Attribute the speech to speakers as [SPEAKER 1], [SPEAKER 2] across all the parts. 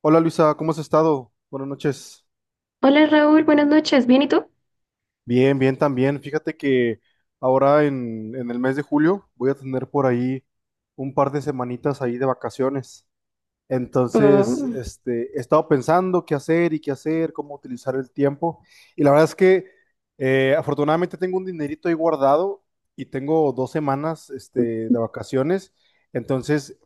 [SPEAKER 1] Hola Luisa, ¿cómo has estado? Buenas noches.
[SPEAKER 2] Hola Raúl, buenas noches. ¿Bien y tú?
[SPEAKER 1] Bien, bien también. Fíjate que ahora en el mes de julio voy a tener por ahí un par de semanitas ahí de vacaciones. Entonces,
[SPEAKER 2] Oh,
[SPEAKER 1] he estado pensando qué hacer y qué hacer, cómo utilizar el tiempo. Y la verdad es que afortunadamente tengo un dinerito ahí guardado y tengo 2 semanas, de vacaciones. Entonces,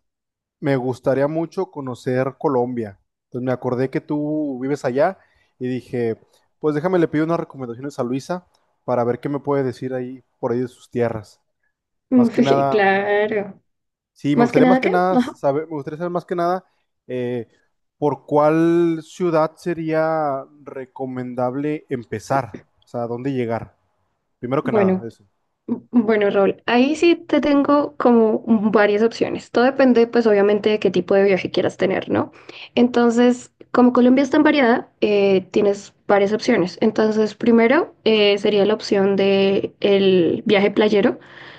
[SPEAKER 1] me gustaría mucho conocer Colombia. Entonces me acordé que tú vives allá y dije, pues déjame le pido unas recomendaciones a Luisa para ver qué me puede decir ahí por ahí de sus tierras. Más que nada,
[SPEAKER 2] claro.
[SPEAKER 1] sí,
[SPEAKER 2] Más que nada que, ajá.
[SPEAKER 1] me gustaría saber más que nada, eh, por cuál ciudad sería recomendable empezar, o sea, dónde llegar. Primero que nada,
[SPEAKER 2] Bueno,
[SPEAKER 1] eso,
[SPEAKER 2] Bueno, Raúl, ahí sí te tengo como varias opciones. Todo depende, pues, obviamente, de qué tipo de viaje quieras tener, ¿no? Entonces, como Colombia es tan variada, tienes varias opciones. Entonces, primero sería la opción de el viaje playero.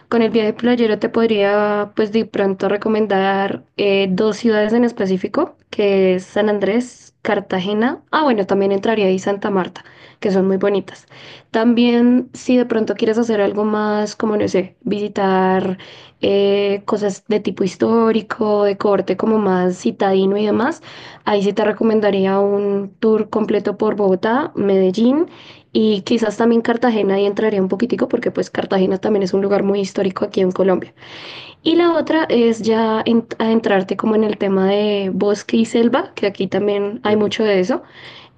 [SPEAKER 2] Con el viaje playero te podría, pues, de pronto recomendar dos ciudades en específico, que es San Andrés, Cartagena. Ah, bueno, también entraría ahí Santa Marta, que son muy bonitas. También, si de pronto quieres hacer algo más, como no sé, visitar cosas de tipo histórico, de corte como más citadino y demás, ahí sí te recomendaría un tour completo por Bogotá, Medellín y quizás también Cartagena, ahí entraría un poquitico porque pues Cartagena también es un lugar muy histórico aquí en Colombia. Y la otra es ya adentrarte como en el tema de bosque y selva, que aquí también hay
[SPEAKER 1] entiendo.
[SPEAKER 2] mucho de eso.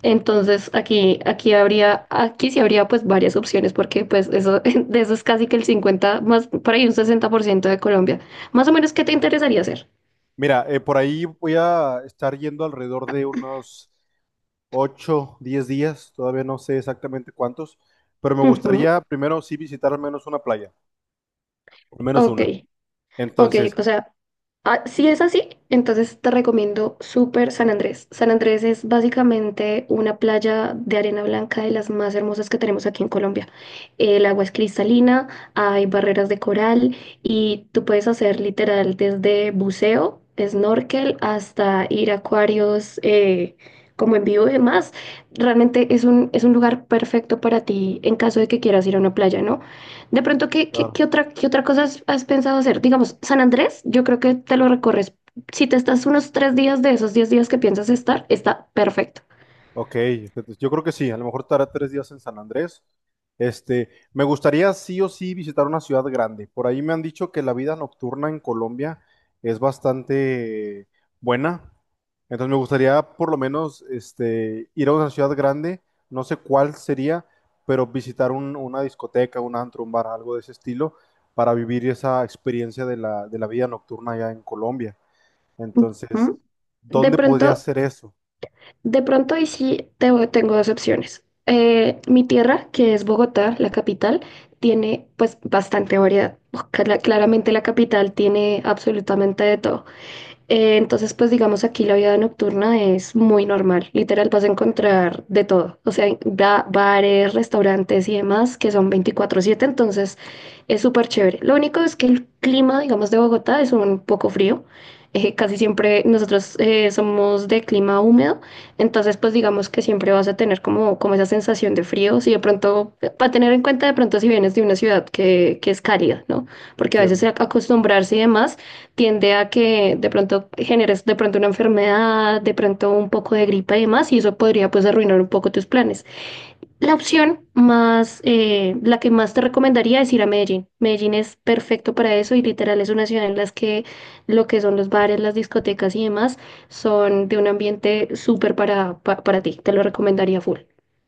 [SPEAKER 2] Entonces aquí sí habría pues varias opciones porque pues eso, de eso es casi que el 50 más por ahí un 60% de Colombia. Más o menos, ¿qué te interesaría hacer?
[SPEAKER 1] Mira, por ahí voy a estar yendo alrededor de unos 8-10 días, todavía no sé exactamente cuántos, pero me
[SPEAKER 2] Ujú.
[SPEAKER 1] gustaría primero sí visitar al menos una playa, al menos
[SPEAKER 2] Ok.
[SPEAKER 1] una.
[SPEAKER 2] Ok,
[SPEAKER 1] Entonces,
[SPEAKER 2] o sea, ah, si es así, entonces te recomiendo súper San Andrés. San Andrés es básicamente una playa de arena blanca de las más hermosas que tenemos aquí en Colombia. El agua es cristalina, hay barreras de coral y tú puedes hacer literal desde buceo, snorkel, hasta ir a acuarios como en vivo y demás. Realmente es un lugar perfecto para ti en caso de que quieras ir a una playa, ¿no? De pronto, ¿qué, qué,
[SPEAKER 1] ah,
[SPEAKER 2] qué otra, qué otra cosa has pensado hacer? Digamos, San Andrés, yo creo que te lo recorres. Si te estás unos 3 días de esos 10 días que piensas estar, está perfecto.
[SPEAKER 1] ok, entonces, yo creo que sí, a lo mejor estará 3 días en San Andrés. Me gustaría sí o sí visitar una ciudad grande. Por ahí me han dicho que la vida nocturna en Colombia es bastante buena. Entonces me gustaría por lo menos ir a una ciudad grande, no sé cuál sería, pero visitar una discoteca, un antro, un bar, algo de ese estilo, para vivir esa experiencia de la vida nocturna allá en Colombia. Entonces,
[SPEAKER 2] Ujú. De
[SPEAKER 1] ¿dónde podría
[SPEAKER 2] pronto,
[SPEAKER 1] hacer eso?
[SPEAKER 2] de pronto, y sí, tengo dos opciones. Mi tierra, que es Bogotá, la capital, tiene pues bastante variedad. Claramente la capital tiene absolutamente de todo. Entonces, pues digamos aquí la vida nocturna es muy normal, literal vas a encontrar de todo, o sea, bares, restaurantes y demás que son 24/7 entonces es súper chévere. Lo único es que el clima, digamos, de Bogotá es un poco frío, casi siempre nosotros somos de clima húmedo, entonces pues digamos que siempre vas a tener como esa sensación de frío, si de pronto, para tener en cuenta de pronto si vienes de una ciudad que es cálida, ¿no? Porque a veces
[SPEAKER 1] Entiendo.
[SPEAKER 2] acostumbrarse y demás tiende a que de pronto generes de pronto una enfermedad, de pronto un poco de gripa y demás, y eso podría pues arruinar un poco tus planes. La que más te recomendaría es ir a Medellín. Medellín es perfecto para eso y literal es una ciudad en las que lo que son los bares, las discotecas y demás son de un ambiente súper para ti. Te lo recomendaría full.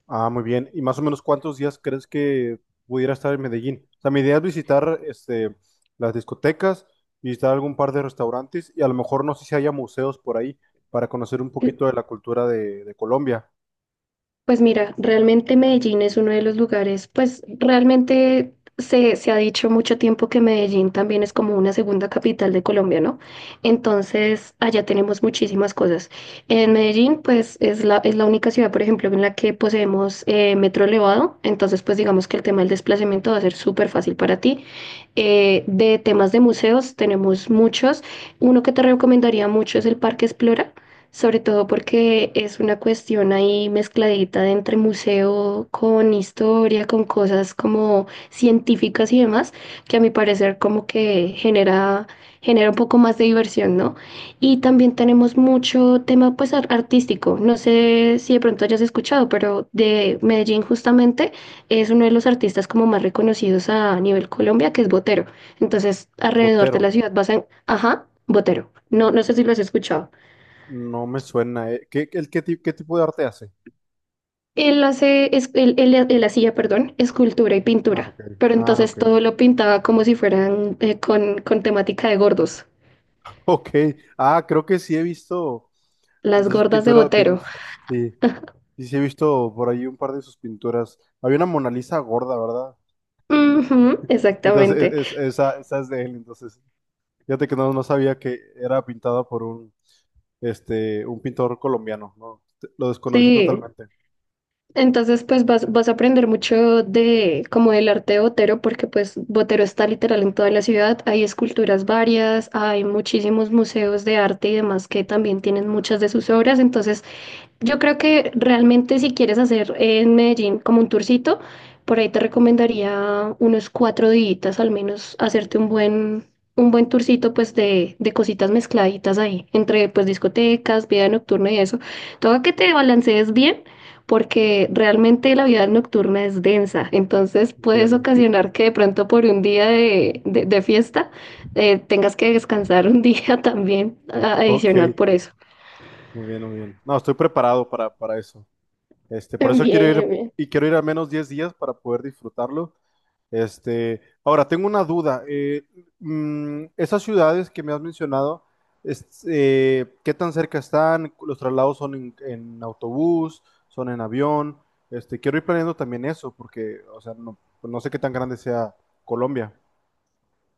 [SPEAKER 1] Ah, muy bien. ¿Y más o menos cuántos días crees que pudiera estar en Medellín? O sea, mi idea es visitar las discotecas, visitar algún par de restaurantes y a lo mejor no sé si haya museos por ahí para conocer un poquito de la cultura de Colombia.
[SPEAKER 2] Pues mira, realmente Medellín es uno de los lugares, pues realmente se ha dicho mucho tiempo que Medellín también es como una segunda capital de Colombia, ¿no? Entonces, allá tenemos muchísimas cosas. En Medellín, pues es la única ciudad, por ejemplo, en la que poseemos metro elevado, entonces pues digamos que el tema del desplazamiento va a ser súper fácil para ti. De temas de museos tenemos muchos. Uno que te recomendaría mucho es el Parque Explora sobre todo porque es una cuestión ahí mezcladita de entre museo con historia, con cosas como científicas y demás, que a mi parecer como que genera un poco más de diversión, ¿no? Y también tenemos mucho tema pues artístico, no sé si de pronto hayas escuchado, pero de Medellín justamente es uno de los artistas como más reconocidos a nivel Colombia, que es Botero. Entonces, alrededor de la
[SPEAKER 1] Botero,
[SPEAKER 2] ciudad vas a. Ajá, Botero. No, no sé si lo has escuchado.
[SPEAKER 1] no me suena. ¿Qué, el, qué, ti- qué tipo de arte hace?
[SPEAKER 2] Él hace, es- él- él hacía, perdón, escultura y
[SPEAKER 1] Ah,
[SPEAKER 2] pintura,
[SPEAKER 1] ok.
[SPEAKER 2] pero
[SPEAKER 1] Ah, ok.
[SPEAKER 2] entonces todo lo pintaba como si fueran con temática de gordos,
[SPEAKER 1] Ok. Ah, creo que sí he visto.
[SPEAKER 2] las
[SPEAKER 1] Entonces,
[SPEAKER 2] gordas de
[SPEAKER 1] pintura,
[SPEAKER 2] Botero.
[SPEAKER 1] sí, sí, sí he visto por ahí un par de sus pinturas. Había una Mona Lisa gorda, ¿verdad?
[SPEAKER 2] Ujú,
[SPEAKER 1] Entonces,
[SPEAKER 2] exactamente.
[SPEAKER 1] esa es de él. Entonces, fíjate que no, no sabía que era pintada por un pintor colombiano, ¿no? Lo desconocí
[SPEAKER 2] Sí,
[SPEAKER 1] totalmente.
[SPEAKER 2] entonces pues vas a aprender mucho de como del arte de Botero, porque pues Botero está literal en toda la ciudad, hay esculturas varias, hay muchísimos museos de arte y demás que también tienen muchas de sus obras, entonces. Yo creo que realmente si quieres hacer en Medellín como un tourcito, por ahí te recomendaría unos 4 días al menos hacerte un buen tourcito pues de cositas mezcladitas ahí, entre pues discotecas, vida nocturna y eso. Todo que te balancees bien porque realmente la vida nocturna es densa, entonces puedes
[SPEAKER 1] Entiendo.
[SPEAKER 2] ocasionar que de pronto por un día de fiesta tengas que descansar un día también
[SPEAKER 1] Ok,
[SPEAKER 2] adicional por eso.
[SPEAKER 1] muy bien, muy bien. No, estoy preparado para eso. Por
[SPEAKER 2] Bien,
[SPEAKER 1] eso quiero ir
[SPEAKER 2] bien.
[SPEAKER 1] y quiero ir al menos 10 días para poder disfrutarlo. Ahora, tengo una duda. Esas ciudades que me has mencionado, ¿qué tan cerca están? ¿Los traslados son en autobús? ¿Son en avión? Quiero ir planeando también eso, porque, o sea, no, pues no sé qué tan grande sea Colombia.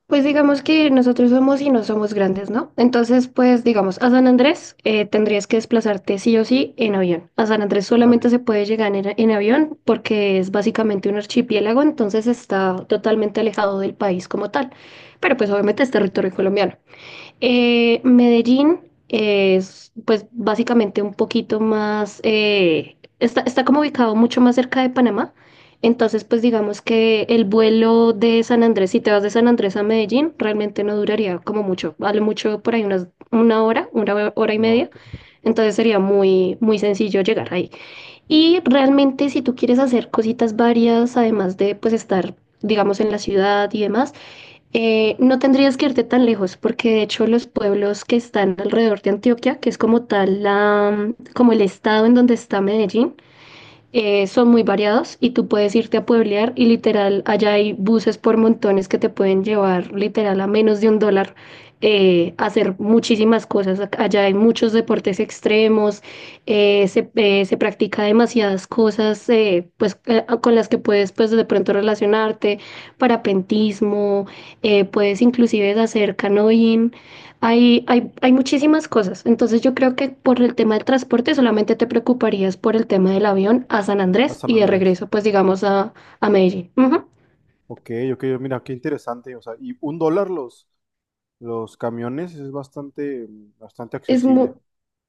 [SPEAKER 2] Pues digamos que nosotros somos y no somos grandes, ¿no? Entonces, pues digamos, a San Andrés tendrías que desplazarte sí o sí en avión. A San Andrés
[SPEAKER 1] Un
[SPEAKER 2] solamente
[SPEAKER 1] avión.
[SPEAKER 2] se puede llegar en avión porque es básicamente un archipiélago, entonces está totalmente alejado del país como tal. Pero pues obviamente es territorio colombiano. Medellín es pues básicamente un poquito más, está como ubicado mucho más cerca de Panamá, entonces pues digamos que el vuelo de San Andrés, si te vas de San Andrés a Medellín, realmente no duraría como mucho, vale mucho por ahí una hora, una hora y media,
[SPEAKER 1] Ok.
[SPEAKER 2] entonces sería muy, muy sencillo llegar ahí. Y realmente si tú quieres hacer cositas varias, además de pues estar, digamos, en la ciudad y demás, no tendrías que irte tan lejos, porque de hecho los pueblos que están alrededor de Antioquia, que es como tal como el estado en donde está Medellín, son muy variados y tú puedes irte a pueblear y literal, allá hay buses por montones que te pueden llevar literal a menos de $1 a hacer muchísimas cosas. Allá hay muchos deportes extremos, se practica demasiadas cosas pues, con las que puedes pues, de pronto relacionarte, parapentismo, puedes inclusive hacer canoeing. Hay muchísimas cosas. Entonces yo creo que por el tema del transporte solamente te preocuparías por el tema del avión a San
[SPEAKER 1] A
[SPEAKER 2] Andrés
[SPEAKER 1] San
[SPEAKER 2] y de
[SPEAKER 1] Andrés.
[SPEAKER 2] regreso, pues digamos, a Medellín. Ujú.
[SPEAKER 1] Ok, ok, mira, qué interesante. O sea, y $1 los camiones es bastante, bastante
[SPEAKER 2] Es muy,
[SPEAKER 1] accesible.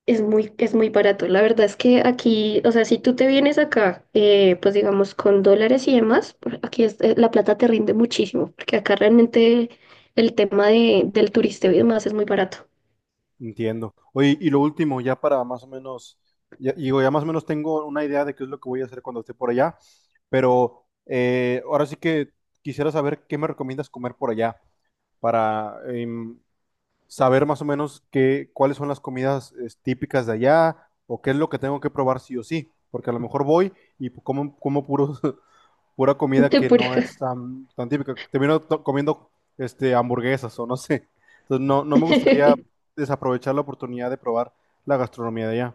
[SPEAKER 2] es muy barato. La verdad es que aquí, o sea, si tú te vienes acá, pues digamos, con dólares y demás, aquí la plata te rinde muchísimo, porque acá realmente el tema del turisteo y demás es muy barato.
[SPEAKER 1] Entiendo. Oye, y lo último, ya para más o menos, ya, digo, ya más o menos tengo una idea de qué es lo que voy a hacer cuando esté por allá, pero ahora sí que quisiera saber qué me recomiendas comer por allá para saber más o menos cuáles son las comidas típicas de allá o qué es lo que tengo que probar sí o sí, porque a lo mejor voy y pues, como puros pura comida
[SPEAKER 2] Te
[SPEAKER 1] que no es
[SPEAKER 2] pura.
[SPEAKER 1] tan, tan típica. Termino comiendo hamburguesas o no sé. Entonces no, no me gustaría desaprovechar la oportunidad de probar la gastronomía de allá.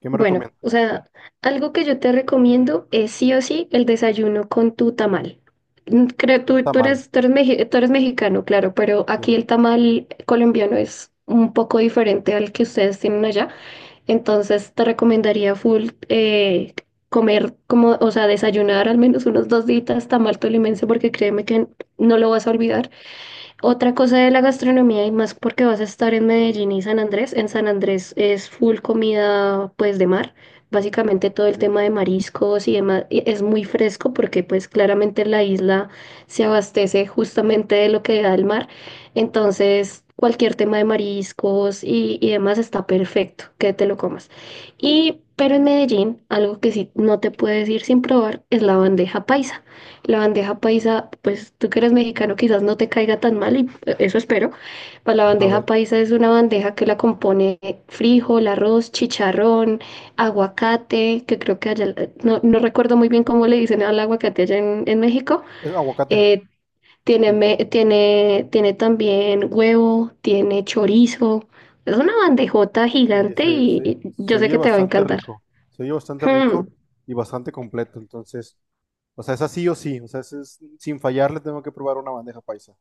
[SPEAKER 1] ¿Qué me
[SPEAKER 2] Bueno,
[SPEAKER 1] recomiendas?
[SPEAKER 2] o sea, algo que yo te recomiendo es sí o sí el desayuno con tu tamal. Creo
[SPEAKER 1] Un
[SPEAKER 2] tú, tú
[SPEAKER 1] tamal.
[SPEAKER 2] eres, tú eres, meji- tú eres mexicano, claro, pero aquí
[SPEAKER 1] Sí,
[SPEAKER 2] el tamal colombiano es un poco diferente al que ustedes tienen allá. Entonces te recomendaría full como, o sea, desayunar al menos unos 2 días tamal tolimense porque créeme que no lo vas a olvidar. Otra cosa de la gastronomía y más porque vas a estar en Medellín y San Andrés. En San Andrés es full comida pues de mar. Básicamente todo
[SPEAKER 1] muy
[SPEAKER 2] el
[SPEAKER 1] bien.
[SPEAKER 2] tema de mariscos y demás y es muy fresco porque pues claramente la isla se abastece justamente de lo que da el mar. Entonces cualquier tema de mariscos y demás está perfecto que te lo comas. Y pero en Medellín algo que sí no te puedes ir sin probar es la bandeja paisa. La bandeja paisa, pues tú que eres mexicano quizás no te caiga tan mal y eso espero. Para la
[SPEAKER 1] A
[SPEAKER 2] bandeja
[SPEAKER 1] ver,
[SPEAKER 2] paisa es una bandeja que la compone frijol, arroz, chicharrón, aguacate, que creo que allá, no recuerdo muy bien cómo le dicen al aguacate allá en México.
[SPEAKER 1] es aguacate.
[SPEAKER 2] Eh, tiene,
[SPEAKER 1] Sí.
[SPEAKER 2] me- tiene, tiene también huevo, tiene chorizo. Es una bandejota
[SPEAKER 1] Oye,
[SPEAKER 2] gigante
[SPEAKER 1] se,
[SPEAKER 2] y,
[SPEAKER 1] se,
[SPEAKER 2] y
[SPEAKER 1] se
[SPEAKER 2] yo sé
[SPEAKER 1] oye
[SPEAKER 2] que te va a
[SPEAKER 1] bastante
[SPEAKER 2] encantar.
[SPEAKER 1] rico. Se oye bastante rico
[SPEAKER 2] Hmm.
[SPEAKER 1] y bastante completo. Entonces, o sea, es así o sí. O sea, sin fallar le tengo que probar una bandeja paisa.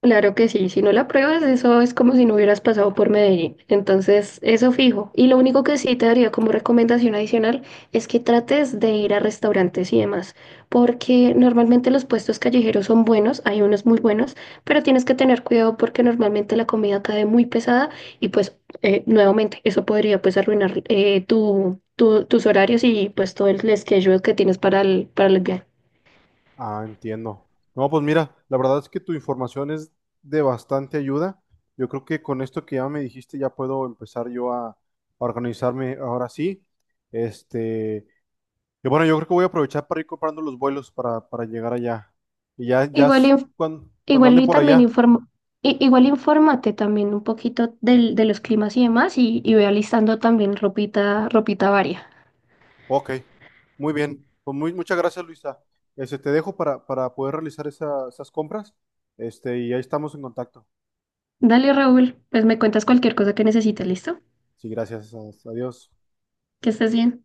[SPEAKER 2] Claro que sí, si no la pruebas, eso es como si no hubieras pasado por Medellín. Entonces, eso fijo. Y lo único que sí te daría como recomendación adicional es que trates de ir a restaurantes y demás, porque normalmente los puestos callejeros son buenos, hay unos muy buenos, pero tienes que tener cuidado porque normalmente la comida cae muy pesada y pues nuevamente eso podría pues arruinar tus horarios y pues todo el schedule que tienes para el viaje.
[SPEAKER 1] Ah, entiendo. No, pues mira, la verdad es que tu información es de bastante ayuda. Yo creo que con esto que ya me dijiste ya puedo empezar yo a organizarme ahora sí. Este, y bueno, yo creo que voy a aprovechar para ir comprando los vuelos para llegar allá. Y ya
[SPEAKER 2] Igual
[SPEAKER 1] cuando
[SPEAKER 2] Igual
[SPEAKER 1] ande
[SPEAKER 2] y
[SPEAKER 1] por
[SPEAKER 2] también
[SPEAKER 1] allá.
[SPEAKER 2] igual infórmate también un poquito de los climas y demás y ve alistando también ropita, ropita varia.
[SPEAKER 1] Ok, muy bien. Pues muy, muchas gracias, Luisa. Te dejo para poder realizar esas compras. Y ahí estamos en contacto.
[SPEAKER 2] Dale, Raúl, pues me cuentas cualquier cosa que necesites, ¿listo?
[SPEAKER 1] Sí, gracias. Adiós.
[SPEAKER 2] Que estés bien.